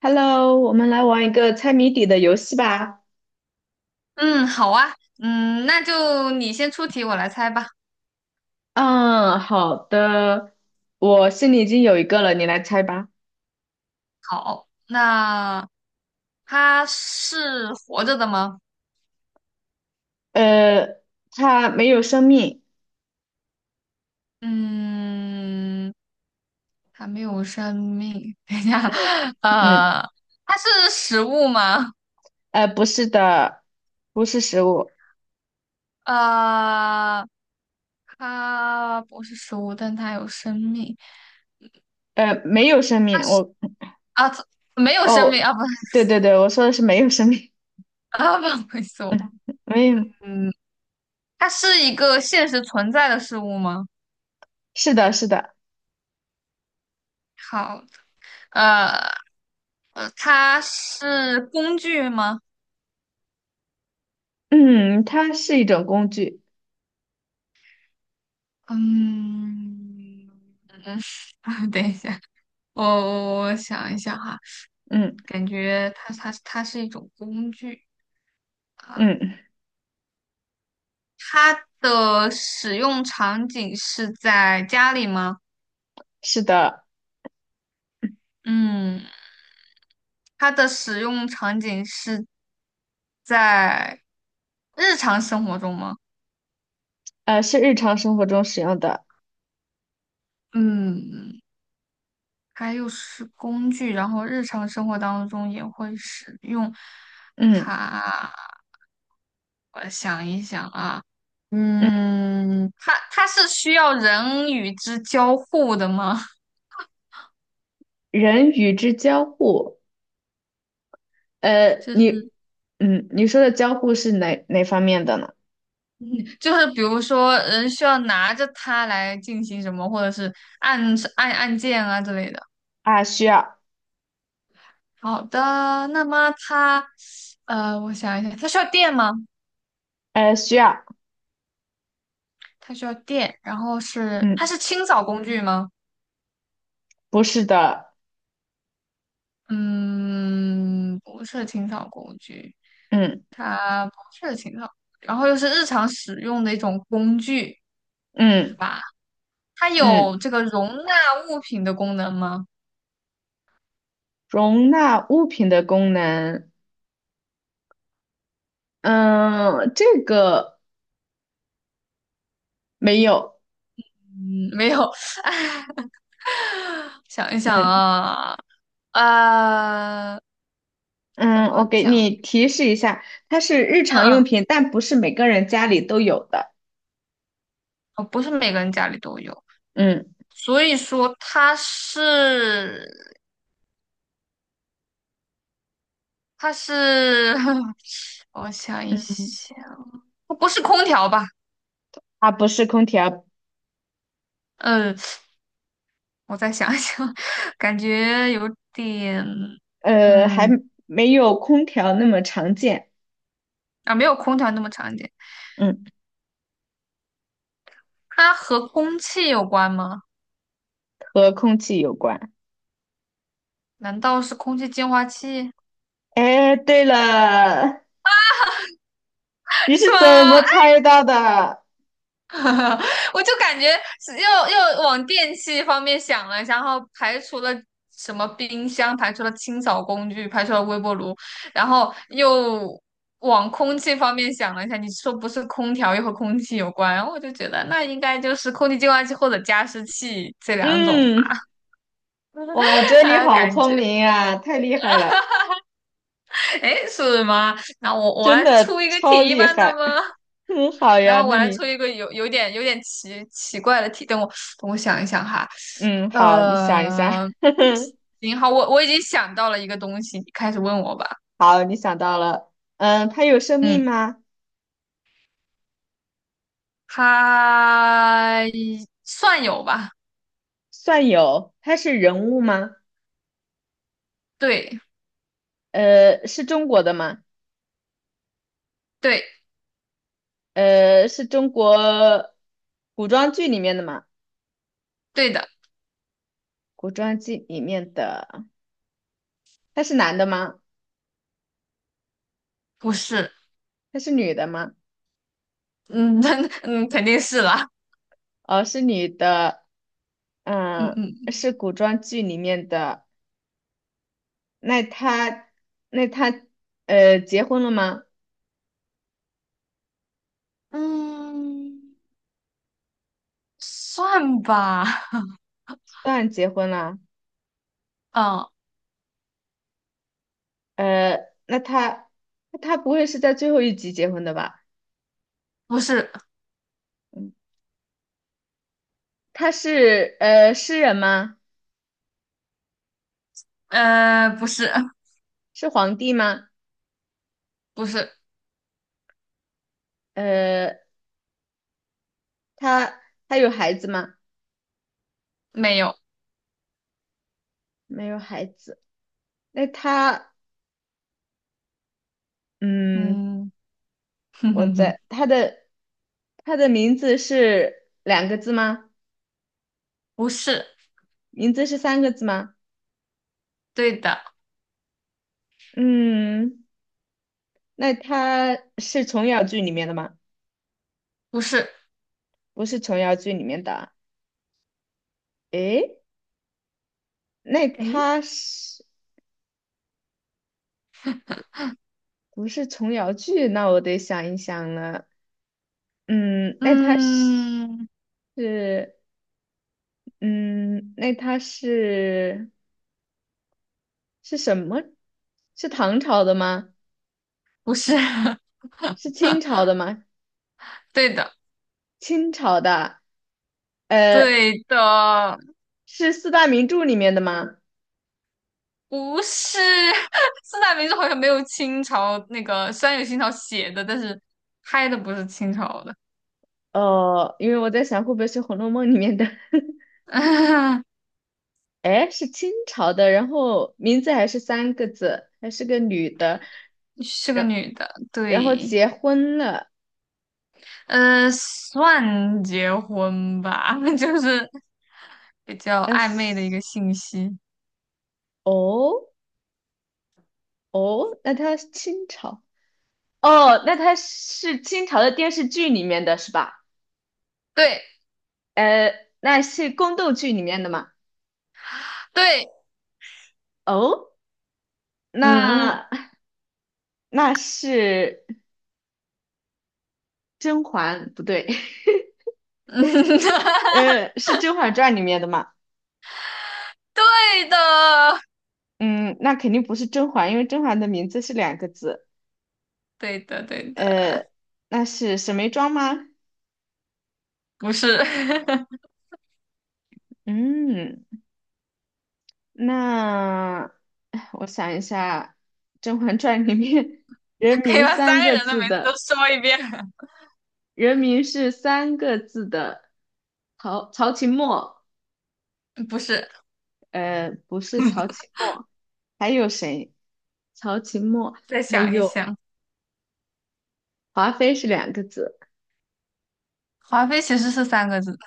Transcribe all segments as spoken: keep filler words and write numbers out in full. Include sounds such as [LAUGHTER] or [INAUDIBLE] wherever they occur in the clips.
Hello，我们来玩一个猜谜底的游戏吧。嗯，好啊，嗯，那就你先出题，我来猜吧。嗯，好的，我心里已经有一个了，你来猜吧。好，那它是活着的吗？呃，它没有生命。嗯，它没有生命。[LAUGHS] 等一下，嗯嗯，呃，它是食物吗？呃，不是的，不是食物，呃，它不是食物，但它有生命呃，没有生命。我啊，它没有生哦，命啊，不，[LAUGHS] 对对对，我说的是没有生命，啊，不好意思，我，[LAUGHS] 没有。嗯，它是一个现实存在的事物吗？是的，是的，好，呃呃，它是工具吗？嗯，它是一种工具。嗯嗯，[LAUGHS] 等一下，我我我想一下哈，嗯感觉它它它是一种工具啊，嗯，它的使用场景是在家里吗？是的，嗯，它的使用场景是在日常生活中吗？呃，是日常生活中使用的。嗯，还有是工具，然后日常生活当中也会使用嗯它。我想一想啊，嗯，嗯，它它是需要人与之交互的吗？[LAUGHS] 人与之交互。呃，就是你，嗯，你说的交互是哪哪方面的呢？就是比如说，人需要拿着它来进行什么，或者是按按按键啊之类的。啊，需要，好的，那么它，呃，我想一想，它需要电吗？呃，需要，它需要电，然后是它嗯，是清扫工具吗？不是的，嗯，不是清扫工具，嗯它不是清扫，然后又是日常使用的一种工具，是嗯吧？它嗯，有这个容纳物品的功能吗？容纳物品的功能，嗯，这个没有，嗯，没有。[LAUGHS] 想一想嗯啊，呃，怎嗯，我么给讲？你提示一下，它是日嗯常用嗯，品，但不是每个人家里都有的，哦不是每个人家里都有，嗯，所以说它是它是，[LAUGHS] 我想一嗯，想，不是空调吧？它不是空调，嗯。我再想一想，[LAUGHS] 感觉有点，呃，还嗯，没有空调那么常见，啊，没有空调那么常见。嗯，它和空气有关吗？和空气有关。难道是空气净化器？哎，对了，[LAUGHS] 你是是怎吗？么猜到的？[LAUGHS] 我就感觉是又又往电器方面想了，然后排除了什么冰箱，排除了清扫工具，排除了微波炉，然后又往空气方面想了一下。你说不是空调又和空气有关，然后我就觉得那应该就是空气净化器或者加湿器这两种嗯，吧，哇，我觉 [LAUGHS] 得你呃，好感聪觉明啊，太厉害了，哎是吗？那我我真来的出一个超题厉吧，那害。么 [LAUGHS] 嗯，好那呀，么我那来出你，一个有有点有点奇奇怪的题，等我等我想一想哈。嗯，好，你想一下，呃，行，好，我我已经想到了一个东西，你开始问我吧。[LAUGHS] 好，你想到了，嗯，他有生嗯，命吗？它算有吧？算有，他是人物吗？对，呃，是中国的吗？对，呃，是中国古装剧里面的吗？对的，古装剧里面的，他是男的吗？不是，他是女的吗？嗯，[LAUGHS] 嗯，肯定是啦。哦，是女的。嗯嗯，嗯是古装剧里面的。那他，那他，呃，结婚了吗？嗯，算吧。当然结婚了。嗯，呃，那他，他不会是在最后一集结婚的吧？不是，嗯，他是呃诗人吗？呃，不是，是皇帝吗？不是，呃，他他有孩子吗？没有。没有孩子。那他，嗯，嗯，[LAUGHS] 哼我哼哼，在他的他的名字是两个字吗？不是，名字是三个字吗？对的，嗯。那他是琼瑶剧里面的吗？不是。不是琼瑶剧里面的啊。诶，那诶，他是不是琼瑶剧？那我得想一想了。嗯，那他嗯，是，嗯，那他是是什么？是唐朝的吗？不是，[LAUGHS] 是清朝的吗？对的。清朝的，呃，对的，是四大名著里面的吗？不是。 [LAUGHS] 四大名著，好像没有清朝那个，虽然有清朝写的，但是拍的不是清朝的，哦，因为我在想会不会是《红楼梦》里面的。[LAUGHS] 哎，是清朝的，然后名字还是三个字，还是个女的，是个然女的，然后对，结婚了，呃，算结婚吧，[LAUGHS] 就是比较呃，暧昧的一个信息，哦哦，那她是清朝，哦，那她是清朝的电视剧里面的是吧？对呃，那是宫斗剧里面的吗？对，哦，嗯那那是甄嬛，不对，嗯，[LAUGHS] [LAUGHS] 呃，是《甄嬛传》里面的吗？对的，嗯，那肯定不是甄嬛，因为甄嬛的名字是两个字，对的对的，呃，那是沈眉庄吗？不是，嗯，那哎我想一下，《甄嬛传》里面“人 [LAUGHS] 可以名”把三三个个人的字名字都的说一遍，“人名”是三个字的曹曹琴墨，[LAUGHS] 不是，呃，不是曹琴墨，还有谁？曹琴墨，再还想一有想。华妃是两个字，华妃其实是三个字的，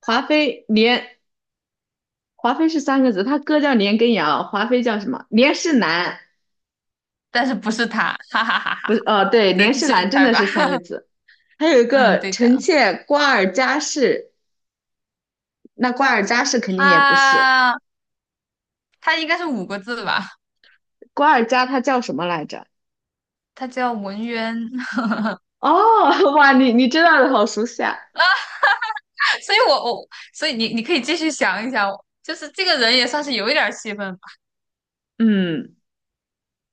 华妃连华妃是三个字，她哥叫连根瑶，华妃叫什么？连世兰，但是不是他，哈哈哈哈！不是，哦，对，再连继世续兰真猜的吧。是三个 [LAUGHS] 字。还有一嗯，个对臣的，妾瓜尔佳氏，那瓜尔佳是肯定也不是。他他应该是五个字吧？瓜尔佳她叫什么来着？他叫文渊，[LAUGHS] 哦，哇，你你知道的好熟悉啊。所以我我所以你你可以继续想一想，就是这个人也算是有一点儿戏份吧。嗯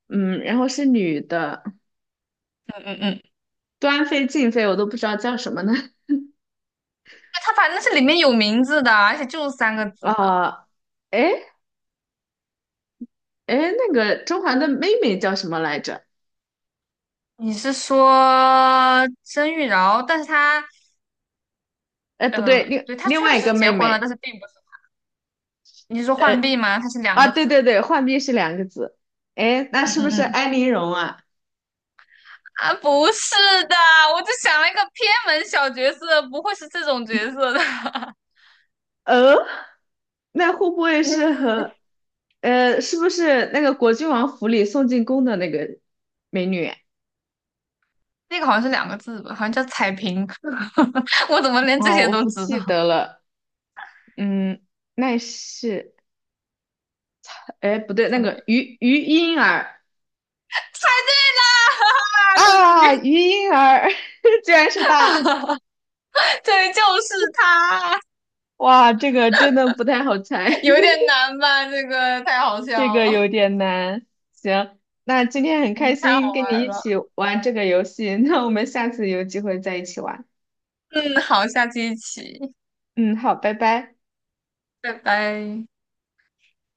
嗯，然后是女的，嗯嗯嗯，端妃、静妃我都不知道叫什么呢。[LAUGHS] 他反正是里面有名字的，而且就是三个字的。啊、诶哎哎，诶那个甄嬛的妹妹叫什么来着？你是说甄玉娆？但是他哎，不对，呃，另对，他另确外一实个结妹婚了，妹，但是并不是。你是说浣呃碧吗？他是两啊，个对字。对对，浣碧是两个字。哎，那嗯是不嗯是嗯。安陵容啊？啊，不是的，我就想了一个偏门小角色，不会是这种角色的。[LAUGHS] 呃，那会不会是嗯，和，呃，是不是那个果郡王府里送进宫的那个美女啊？那个好像是两个字吧，好像叫彩屏。[LAUGHS] 我怎么连这哦，些我都不知道？记得了。嗯，那是，哎，不对，那什么个于于莺儿猜对啦！[LAUGHS] 终于，啊，于莺儿 [LAUGHS] 居然是她！对，就是他。哇，这个真的不太好猜，有点难吧？这个太好 [LAUGHS] 这笑个了，有点难。行，那今天很开嗯，太好心跟你玩一起了。玩这个游戏，那我们下次有机会再一起玩。嗯，好，下期一起，嗯，好，拜拜。拜拜。